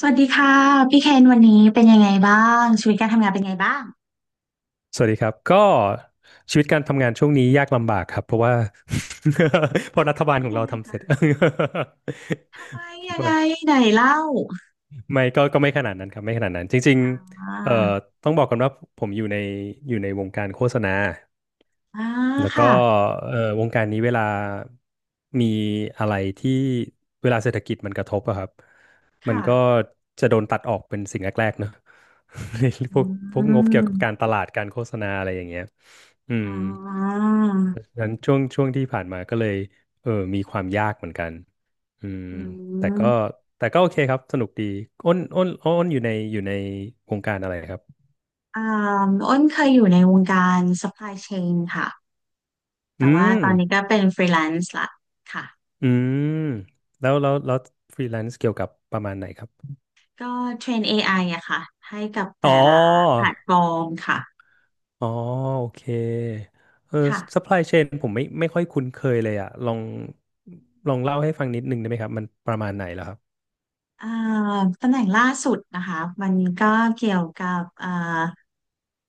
สวัสดีค่ะพี่เคนวันนี้เป็นยังไงบ้างชีวิตการทำงานเป็นไงบ้างสวัสดีครับก็ชีวิตการทำงานช่วงนี้ยากลำบากครับเพราะว่า เพราะรัฐบาลเป็นของยัเรางไงทำเสคะร็จ ทำไม ยังไม่ไงไหนเล่าไม่ก็ไม่ขนาดนั้นครับไม่ขนาดนั้นจริงอ่าๆต้องบอกกันว่าผมอยู่ในวงการโฆษณา อ่าแล้วก็ค่ะวงการนี้เวลามีอะไรที่เวลาเศรษฐกิจมันกระทบอะครับมันค่ะก็จะโดนตัดออกเป็นสิ่งแรกๆเนอะ ในพอืวกพวกงบเกี่ยวกับการมตลาดการโฆษณาอะไรอย่างเงี้ยอืมอ๋อดังนั้นช่วงที่ผ่านมาก็เลยเออมีความยากเหมือนกันอืมอืแต่ก็มโอเคครับสนุกดีอ้นอยู่ในวงการอะไรครับอ่าอ้นเคยอยู่ในวงการ supply chain ค่ะอืแต่ว่าม ตอนนี้ก็เป็น freelance ละค่ะอืมแล้วฟรีแลนซ์เกี่ยวกับประมาณไหนครับก็เทรน AI อไออะค่ะให้กับอ๋อแต่ละแพลตฟอร์มค่ะอ๋อโอเคเออค่ะ ซัพพลายเชนผมไม่ค่อยคุ้นเคยเลยอ่ะลองเล่าให้ฟังนิดนึงได้ไหมครับมันประมาณไหนแล้วครับอ่าตำแหน่งล่าสุดนะคะมันก็เกี่ยวกับ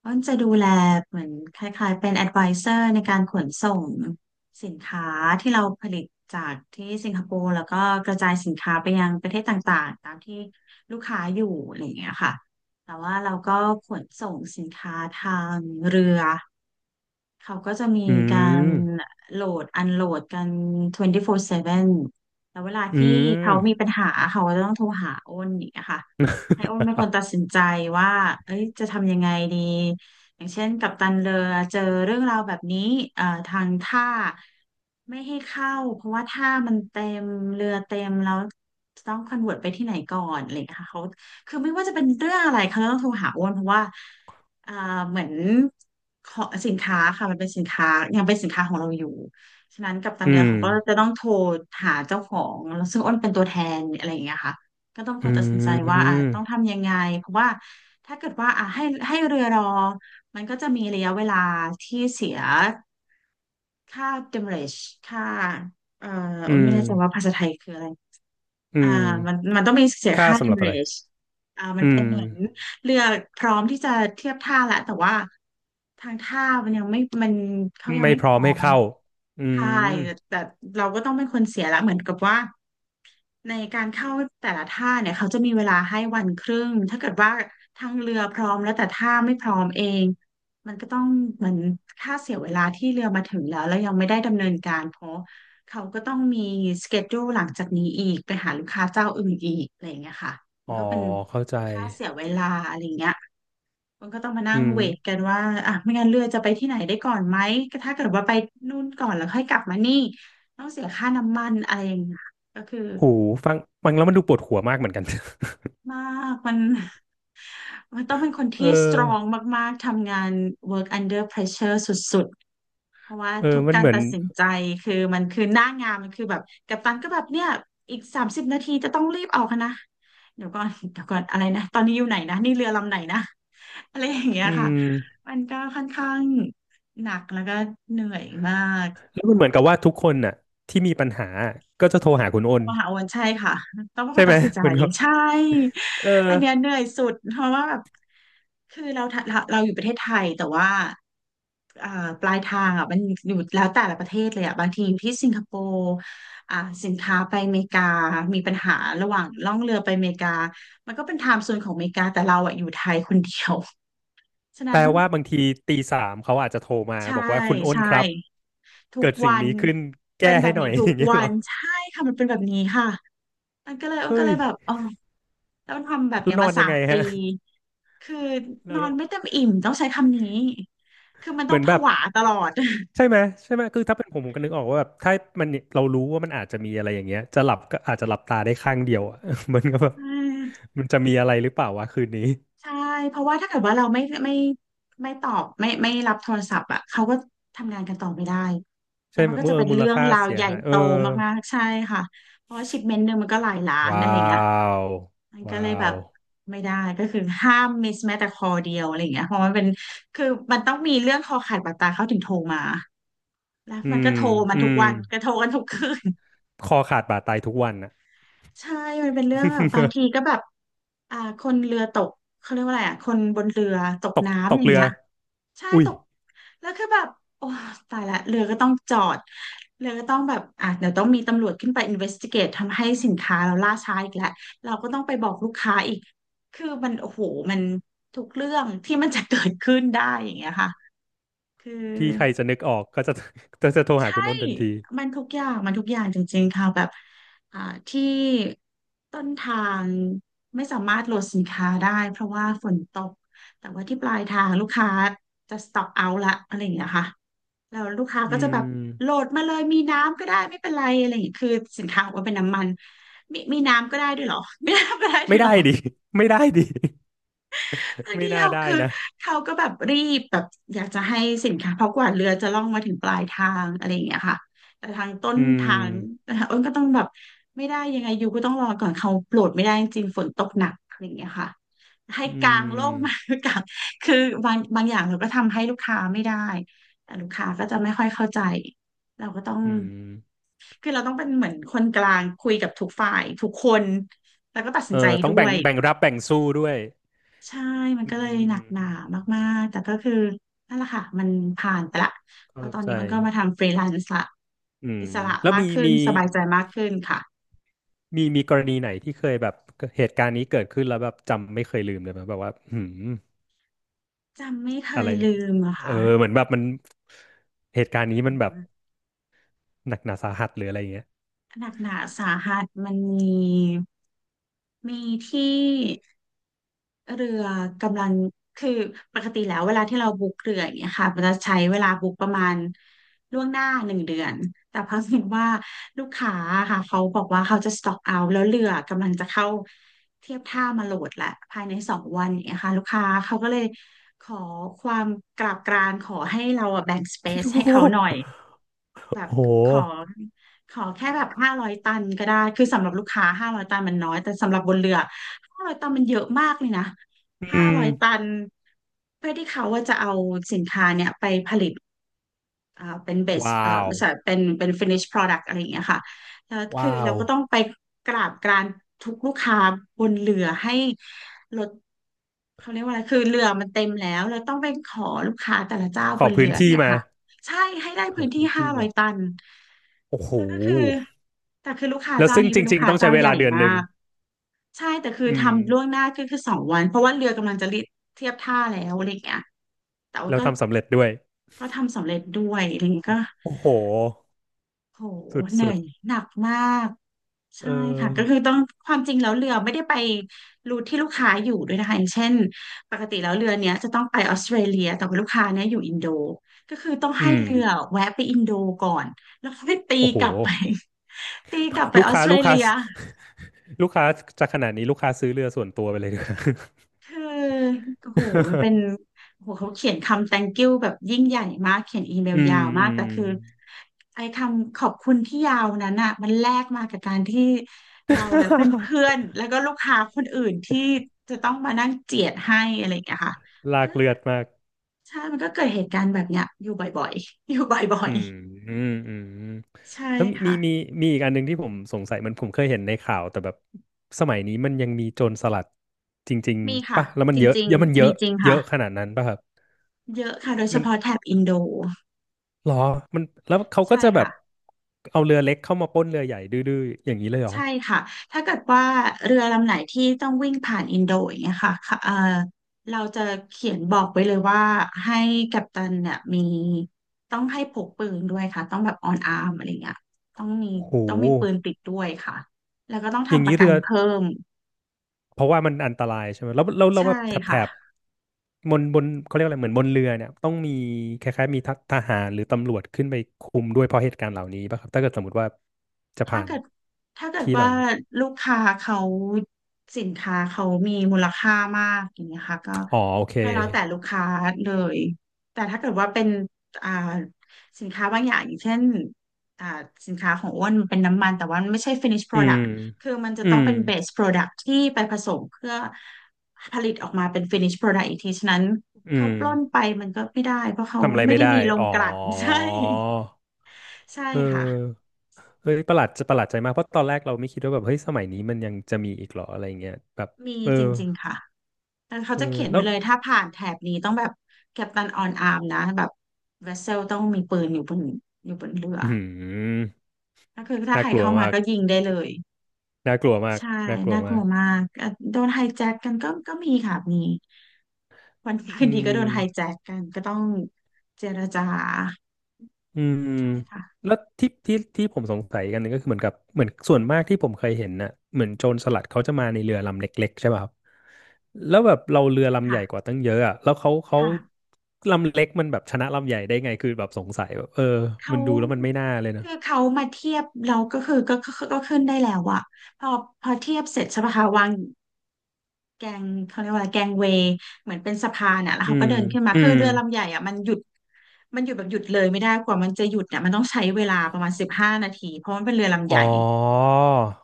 มันจะดูแลเหมือนคล้ายๆเป็น advisor ในการขนส่งสินค้าที่เราผลิตจากที่สิงคโปร์แล้วก็กระจายสินค้าไปยังประเทศต่างๆตามที่ลูกค้าอยู่อะไรอย่างเงี้ยค่ะแต่ว่าเราก็ขนส่งสินค้าทางเรือ เขาก็จะมีอืการมโหลดอันโหลดกัน24/7แล้วเวลาอืที่เขามมีปัญหาเขาก็ต้องโทรหาอ้นอย่างเงี้ยค่ะให้อ้นเป็นคนตัดสินใจว่าเอ้ยจะทำยังไงดี อย่างเช่นกัปตันเรือ เจอเรื่องราวแบบนี้ทางท่าไม่ให้เข้าเพราะว่าท่ามันเต็มเรือเต็มแล้วต้องคอนเวิร์ตไปที่ไหนก่อนอะไรอย่างเงี้ยค่ะเขาคือไม่ว่าจะเป็นเรื่องอะไรเขาต้องโทรหาอ้นเพราะว่า อ่าเหมือนขอสินค้าค่ะมันเป็นสินค้ายังเป็นสินค้าของเราอยู่ฉะนั้นกัปตันอืเรือมเขาก็จะต้องโทรหาเจ้าของแล้วซึ่งอ้นเป็นตัวแทนอะไรอย่างเงี้ยค่ะก็ต้องคอืนตัดสินใจว่าต้อมงทำยังไงเพราะว่าถ้าเกิดว่าให้เรือรอมันก็จะมีระยะเวลาที่เสียค่า demurrage ค่าเอ่ออือ้นมไม่แน่ใจว่าภาษาไทยคืออะไร อือ่ามมันต้องมีเสียค่าค่า สำหรับอะไร demurrage อ่ามัอืนเป็นมเหมือนเรือพร้อมที่จะเทียบท่าแล้วแต่ว่าทางท่ามันยังไม่มันเขายังไม่ไม่พพร้อมร้อให้มเข้าอืใช่มแต่เราก็ต้องเป็นคนเสียละเหมือนกับว่า ในการเข้าแต่ละท่าเนี่ยเขาจะมีเวลาให้วันครึ่ง ถ้าเกิดว่าทางเรือพร้อมแล้วแต่ท่าไม่พร้อมเองมันก็ต้องเหมือนค่าเสียเวลาที่เรือมาถึงแล้วแล้วยังไม่ได้ดำเนินการเพราะเขาก็ต้องมีสเกจ u ู e หลังจากนี้อีกไปหาลูกค้าเจ้าอื่นอีกอะไรอย่างเงี้ยค่ะมัอ๋นอก็เป็นเข้าใจค่าเสียเวลาอะไรอย่างเงี้ยมันก็ต้องมานั่อืงมเวทกันว่าอ่ะไม่งั้นเรือจะไปที่ไหนได้ก่อนไหมก็ถ้าเกิดว่าไปนู่นก่อนแล้วค่อยกลับมานี่ต้องเสียค่าน้ำมันอะไรอย่างเงี้ยก็คือ หูฟังฟังแล้วมันดูปวดหัวมากเหมือนกัน มากมัน มันต้องเป็นคนเอที่สตรอ องมากๆ ทำงาน work under pressure สุดๆ เพราะว่าเออทุกมันกาเหรมือนตัดสินใจคือมันคือหน้างานมันคือแบบกัปตันก็แบบเนี่ยอีก30 นาทีจะต้องรีบออกนะเดี๋ยวก่อนเดี๋ยวก่อนอะไรนะตอนนี้อยู่ไหนนะนี่เรือลำไหนนะอะไรอย่างเงี้ยอืค่ะมมันก็ค่อนข้างหนักแล้วก็เหนื่อยมาก แล้วมันเหมือนกับว่าทุกคนน่ะที่มีปัญหาก็จะโทรหาคุณอ้โทรนมาหาอ้วันใช่ค่ะต้องเป็นคใช่นไหม ตัด สินใจเหมือนกับใช่เอออันเนี้ยเหนื่อยสุดเพราะว่าแบบคือเราอยู่ประเทศไทยแต่ว่าอ่าปลายทางอ่ะมันอยู่แล้วแต่ละประเทศเลยอ่ะบางทีอยู่ที่สิงคโปร์อ่าสินค้าไปอเมริกามีปัญหาระหว่างล่องเรือไปอเมริกามันก็เป็นไทม์โซนของอเมริกาแต่เราอ่ะอยู่ไทยคนเดียว ฉะแปนั้ลนว่าบางทีตีสามเขาอาจจะโทรมาใช่บอกว่าคุณอ้นใช่ครับทุเกิกดสิ่งวันนี้ขึ้นเป็แก้นแบให้บหน่อนี้ย ทุอกย่างเงี้ยวัเหรอนใช่ค่ะมันเป็นแบบนี้ค่ะมันก็เลยมันก็เฮ้เลยยแบบอ๋อ ต้องทำแบบแล้วเนี้ยนอมานยัสางไงมปีฮะคือแล้นอนวไม่เต็มอิ่มต้องใช้คำนี้ คือมันเหต้มืองอนผแบบวาตลอด ใช่ ไหมใช่ไหมคือถ้าเป็นผมผมก็นึกออกว่าแบบถ้ามันเรารู้ว่ามันอาจจะมีอะไรอย่างเงี้ยจะหลับก็อาจจะหลับตาได้ข้างเดียวอะ มันก็แบบใช่มันจะมีอะไรหรือเปล่าวะคืนนี้ใช่เพราะว่าถ้าเกิดว่าเราไม่ไม่ไม่ตอบไม่รับโทรศัพท์อ่ะเขาก็ทำงานกันต่อไม่ได้ แล้ใช่วไหมัมนก็เมื่อจะเอเป็อนมูลเรื่องค่าราวเสียใหญ่หายเอโตอ มากๆใช่ค่ะ เพราะว่าชิปเมนต์หนึ่งมันก็หลายล้านว้าอะไรอย่างเงี้ยวมันก็ว้าเลยแบว บไม่ได้ก็คือห้ามมิสแม้แต่คอเดียวอะไรอย่างเงี้ยเพราะมันเป็นคือมันต้องมีเรื่องคอขาดบาดตายเขาถึงโทรมา แล้วอืมันมก็โทรมันอืทุกมวันก็โทรกันทุกคืนคอขาดบาดตายทุกวันน่ะ ใช่มันเป็นเรื่องแบบบาง ทีก็แบบคนเรือตกเขาเรียกว่าอะไรอ่ะคนบนเรือตกตกตน้ำกอย่างเรือเงี้ยใช่อุ้ยตกแล้วคือแบบโอ้ตายละเรือก็ต้องจอดเรือก็ต้องแบบอ่ะเดี๋ยวต้องมีตำรวจขึ้นไป i n v e s t i g เก e ทำให้สินค้าเราล่าช้าอีกแล้วเราก็ต้องไปบอกลูกค้าอีกคือมันโอ้โหมันทุกเรื่องที่มันจะเกิดขึ้นได้อย่างเงี้ยค่ะคือ ที่ใครจะนึกออกก็จะ จะโทรหาใช่คุณอ้นทันทีมันทุกอย่างจริงๆค่ะแบบอ่าที่ต้นทางไม่สามารถโหลดสินค้าได้เพราะว่าฝนตกแต่ว่าที่ปลายทางลูกค้าจะสต็อกเอาละอะไรอย่างเงี้ยค่ะแล้วลูกค้าก็อืจะแบบมโหลดมาเลยมีน้ำก็ได้ไม่เป็นไรอะไรอย่างเงี้ยคือสินค้าบอกว่าเป็นน้ำมันมีน้ำก็ได้ด้วยเหรอ มีน้ำก็ได้ด้ไม่วยเหรได้อ ดิ ไม่ได้ดิ คื อไม่เดียน่าวได้คือนะ เขาก็แบบรีบแบบอยากจะให้สินค้าเพราะกว่าเรือจะล่องมาถึงปลายทางอะไรอย่างเงี้ยค่ะแต่ทางต้นอืทาง ม อ้นก็ต้องแบบไม่ได้ยังไงอยู่ก็ต้องรอก่อนเขาโปรดไม่ได้จริงๆฝนตกหนักอะไรอย่างเงี้ยค่ะให้อืกางร่มมมา กางคือบางอย่างเราก็ทำให้ลูกค้าไม่ได้แต่ลูกค้าก็จะไม่ค่อยเข้าใจเราก็ต้องอืมคือเราต้องเป็นเหมือนคนกลางคุยกับทุกฝ่ายทุกคนแล้วก็ตัดสิเอนใจอต้องด้วแบ่งย แบ่งรับแบ่งสู้ด้วย ใช่มันอืก็มเลยหนักหนาอืมมากๆ แต่ก็คือนั่นแหละค่ะมันผ่านไปละเพเข้าราะตอนใจ นี้มันก็มาทำฟรีแลนซ์ละอืมอิสระแล้วมากมีขึ้นมี สบายใจมากขึ้นค่ะมีมีกรณีไหนที่เคยแบบเหตุการณ์นี้เกิดขึ้นแล้วแบบจำไม่เคยลืมเลยไหมแบบว่าหืมจำไม่เคอะไรยลืมอะเออค่ะเหมือนแบบมันเหตุการณ์นี้มันแบบหนักหนาสาหัสหรืออะไรอย่างเงี้ยหนักหนาสาหัสมันมีมีที่ เรือกำลังคือปกติแล้วเวลาที่เราบุ๊กเรืออย่างเงี้ยค่ะมันจะใช้เวลาบุ๊กประมาณล่วงหน้า1 เดือนแต่เพิ่งเห็นว่าลูกค้าค่ะเขาบอกว่าเขาจะสต็อกเอาแล้วเรือกำลังจะเข้าเทียบท่ามาโหลดละภายในสองวันอย่างเงี้ยค่ะลูกค้าเขาก็เลยขอความกราบกรานขอให้เราอะแบ่งสเปซให้เขาหน่อย แบบโอ้โห โอ้โขอหแค่แบบห้าร้อยตันก็ได้คือสำหรับลูกค้าห้าร้อยตันมันน้อยแต่สำหรับบนเรือห้าร้อยตันมันเยอะมากเลยนะอืห้ามร้อยตันเพื่อที่เขาว่าจะเอาสินค้าเนี่ยไปผลิต เป็นเบสว้าวไม่ใช่เป็น finish product อะไรอย่างเงี้ยค่ะแล้วคือว้าเราวก็ต้องไปกราบกรานทุกลูกค้าบนเรือให้ลดเขาเรียกว่าอะไรคือเรือมันเต็มแล้วเราต้องไปขอลูกค้าแต่ละเจ้าขบอนเรืพื้นออย่างที่เงี้ยมาค่ะใช่ให้ได้ขอพื้นที่พื้นห้าที่ร้อมายตันโอ้โหแล้วก็คือแต่คือลูกค้าแล้วเจ้าซึ่งนี้จเป็นลูกริงๆค้าต้องใช้เจ้าเวใหลาญ่เดือนมาหนึ่งก ใช่แต่คืออืมทำล่วงหน้าก็คือสองวันเพราะว่าเรือกำลังจะเทียบท่าแล้วอะไรอย่างเงี้ยแต่ว่าแล้วก็ทำสำเร็จด้วยก็ทำสำเร็จด้วยอะไรอย่างเงี้ยก็โอ้โหโหสเหนืุ่อดยหนักมากๆเอใช่อค่ะก็คือต้องความจริงแล้วเรือไม่ได้ไปรูทที่ลูกค้าอยู่ด้วยนะคะอย่างเช่นปกติแล้วเรือเนี้ยจะต้องไปออสเตรเลียแต่ว่าลูกค้าเนี้ยอยู่อินโดก็คือต้องให้อืมเรือแวะไปอินโดก่อนแล้วค่อยตีโอ้โห กลับไป ตีกลับไปลูกออสค้าเตรลูกค้า เลีย ลูกค้าจะขนาดนี้ลูกค้าซื้อเรือส่วนตัวไปเลย ดีกว่า คือโอ้โหมันเป็น โอ้โหเขาเขียนคำ thank you แบบยิ่งใหญ่มากเขียนอีเมลอืมยาวอืมากม แต่คือไอ้คำขอบคุณที่ยาวนั้นอ่ะมันแลกมากับการที่เราและเพื่อนๆแล้วก็ลูกค้าคนอื่นที่จะต้องมานั่งเจียดให้อะไรอย่างเงี้ยค่ะ ลาก็กเลือดมากใช่มันก็เกิดเหตุการณ์แบบเนี้ยอยู่บ่อยๆอยู่บ่ออืยมอืมอืมๆใช่แล้วมีมีค่ะมีมีอีกอันหนึ่งที่ผมสงสัยมันผมเคยเห็นในข่าวแต่แบบสมัยนี้มันยังมีโจรสลัดจริงมีๆค่ะป่ะแล้วมันจเยอะริงเยอะมันเยๆมีอะจริงเยค่ะอะขนาดนั้นป่ะครับเยอะค่ะโดยเฉมันพาะแถบอินโดหรอมันแล้วเขาก็ใช่จะแบบค่ะ เอาเรือเล็กเข้ามาปล้นเรือใหญ่ดื้อๆอย่างนี้เลยเหรอใช่ค่ะ ถ้าเกิดว่าเรือลำไหนที่ต้องวิ่งผ่านอินโดอย่างเงี้ยค่ะค่ะเราจะเขียนบอกไว้เลยว่าให้กัปตันเนี่ยมีต้องให้พกปืนด้วยค่ะ ต้องแบบออนอาร์มอะไรเงี้ยต้องมีโหปืนติดด้วยค่ะ แล้วก็ต้องอย่างทำปนี้ระกัเรืนอ เพิ่ม เพราะว่ามันอันตรายใช่ไหมแล้วใช่แบบแถบแถค่ะ บบนเขาเรียกอะไรเหมือนบนเรือเนี่ยต้องมีคล้ายๆมีททหารหรือตำรวจขึ้นไปคุมด้วยเพราะเหตุการณ์เหล่านี้ป่ะครับถ้าเกิดสมมติว่าจะถ้าผ่านเกิดถ้าเกิดที่เหล่าว่านี้ลูกค้าเขาสินค้าเขามีมูลค่ามากอย่างเงี้ยค่ะก็อ๋อโอเคแล้วแต่ลูกค้าเลยแต่ถ้าเกิดว่าเป็นอ่าสินค้าบางอย่างอย่างเช่นอ่าสินค้าของอ้วนมันเป็นน้ำมันแต่ว่ามันไม่ใช่ finish อืม product คือมันจะอืต้องมเป็น base product ที่ไปผสมเพื่อผลิตออกมาเป็น finish product อีกทีฉะนั้นอืเขามปล้นไปมันก็ไม่ได้เพราะเขาทำอะไรไม่ไม่ได้ได้มีโรงอ๋อกลั่น ใช่ใช่เอค่ะอเฮ้ยประหลาดจะประหลาดใจมากเพราะตอนแรกเราไม่คิดว่าแบบเฮ้ยสมัยนี้มันยังจะมีอีกเหรออะไรเงี้ยแบบมีเออจริงๆค่ะ แต่เขาเออจะเขียนแล้ไว้วเลยถ้าผ่านแถบนี้ต้องแบบกัปตันออนอาร์มนะแบบเวสเซลต้องมีปืนอยู่บนเรืออืมก็คือถ้าน่าใครกลัวเข้ามามาก ก็ยิงได้เลยน่ากลัวมากใช่น่ากลัวน่ากมาลัวกมากโดนไฮแจ็คกันก็มีค่ะมีวันดีคือืนดีก็โดนไฮมแจ็คกันก็ต้องเจรจาอืมใช่ค่ะแล้วที่ผมสงสัยกันหนึงก็คือเหมือนกับเหมือนส่วนมากที่ผมเคยเห็นน่ะ เหมือนโจรสลัดเขาจะมาในเรือลำเล็กๆใช่ป่ะครับแล้วแบบเราเรือใช่ลำใหค่ะญ่กว่าตั้งเยอะอ่ะ แล้วเขาค่ะลำเล็กมันแบบชนะลำใหญ่ได้ไงคือแบบสงสัยแบบเออเขามันดูแล้วมันไม่น่าเลยนะคือเขามาเทียบเราก็คือก็ขึ้นได้แล้วอะพอพอเทียบเสร็จใช่ปะคะวาง แกงเขาเรียกว่าอะไรแกงเวย์เหมือนเป็นสะพานอ่ะแล้วอืเขาก็มเดินขึ้นมาอืคือมเรือลำใหญ่อ่ะมันหยุดแบบหยุดเลยไม่ได้กว่ามันจะหยุดเนี่ยมันต้องใช้เวลาประมาณ15 นาทีเพราะมันเป็นเรือลำใหอ๋อญ่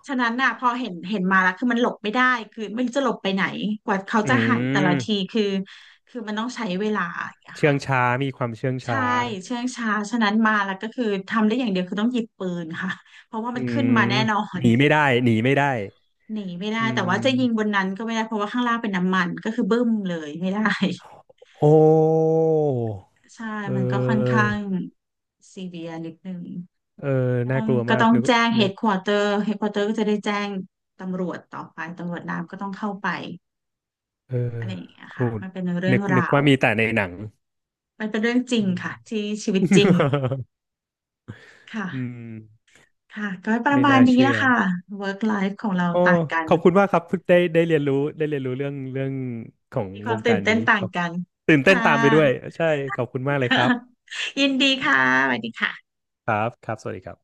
ฉะนั้นน่ะพอเห็นมาแล้วคือมันหลบไม่ได้คือไม่รู้จะหลบไปไหนกว่าเขาอืจะหันแต่ละมทีคือคือมันต้องใช้เวลาอย่างเงี้ยเชื่อค่ะงช้ามีความเชื่องใช่ช้าเชื่องช้าฉะนั้นมาแล้วก็คือทำได้อย่างเดียวคือต้องหยิบปืนค่ะเพราะว่าอืมันขึ้นมมาแน่นอนหนีไม่ได้หนีไม่ได้หนีไม่ได้อืแต่ว่าจะยิงบนม นั้นก็ไม่ได้เพราะว่าข้างล่างเป็นน้ำมันก็คือบึ้มเลยไม่ได้ โอ้ใช่เมันก็ค่อนออข้างซีเวียนิดนึงเออน่ากลัวก็มากต้องนึกแจ้งเฮนึกดควอเตอร์เฮดควอเตอร์ก็จะได้แจ้งตำรวจต่อไปตำรวจน้ำก็ต้องเข้าไปเอออะไรอย่างเงี้ยกูค่ะมันเป็นเรื่นึองกนึกราวว่ามีแต่ในหนัง มันเป็นเรื่องจ ริอืงม ค่ะที่ชีวิตจริง ค่ะอืมค่ะก็ประไม่มาณน่านี้เชื่ละอค่ะ work life ของเราโอ้ต่างกันขอบคุณมากครับได้เรียนรู้ได้เรียนรู้เรื่องของมีคววามงกาตื่นรเต้นี้นคต่างรับกันตื่นเต้นค่ะ ตามไปด้วยใช่ขอบคุณมากเลยครับ ยินดีค่ะสวัสดีค่ะครับครับสวัสดีครับ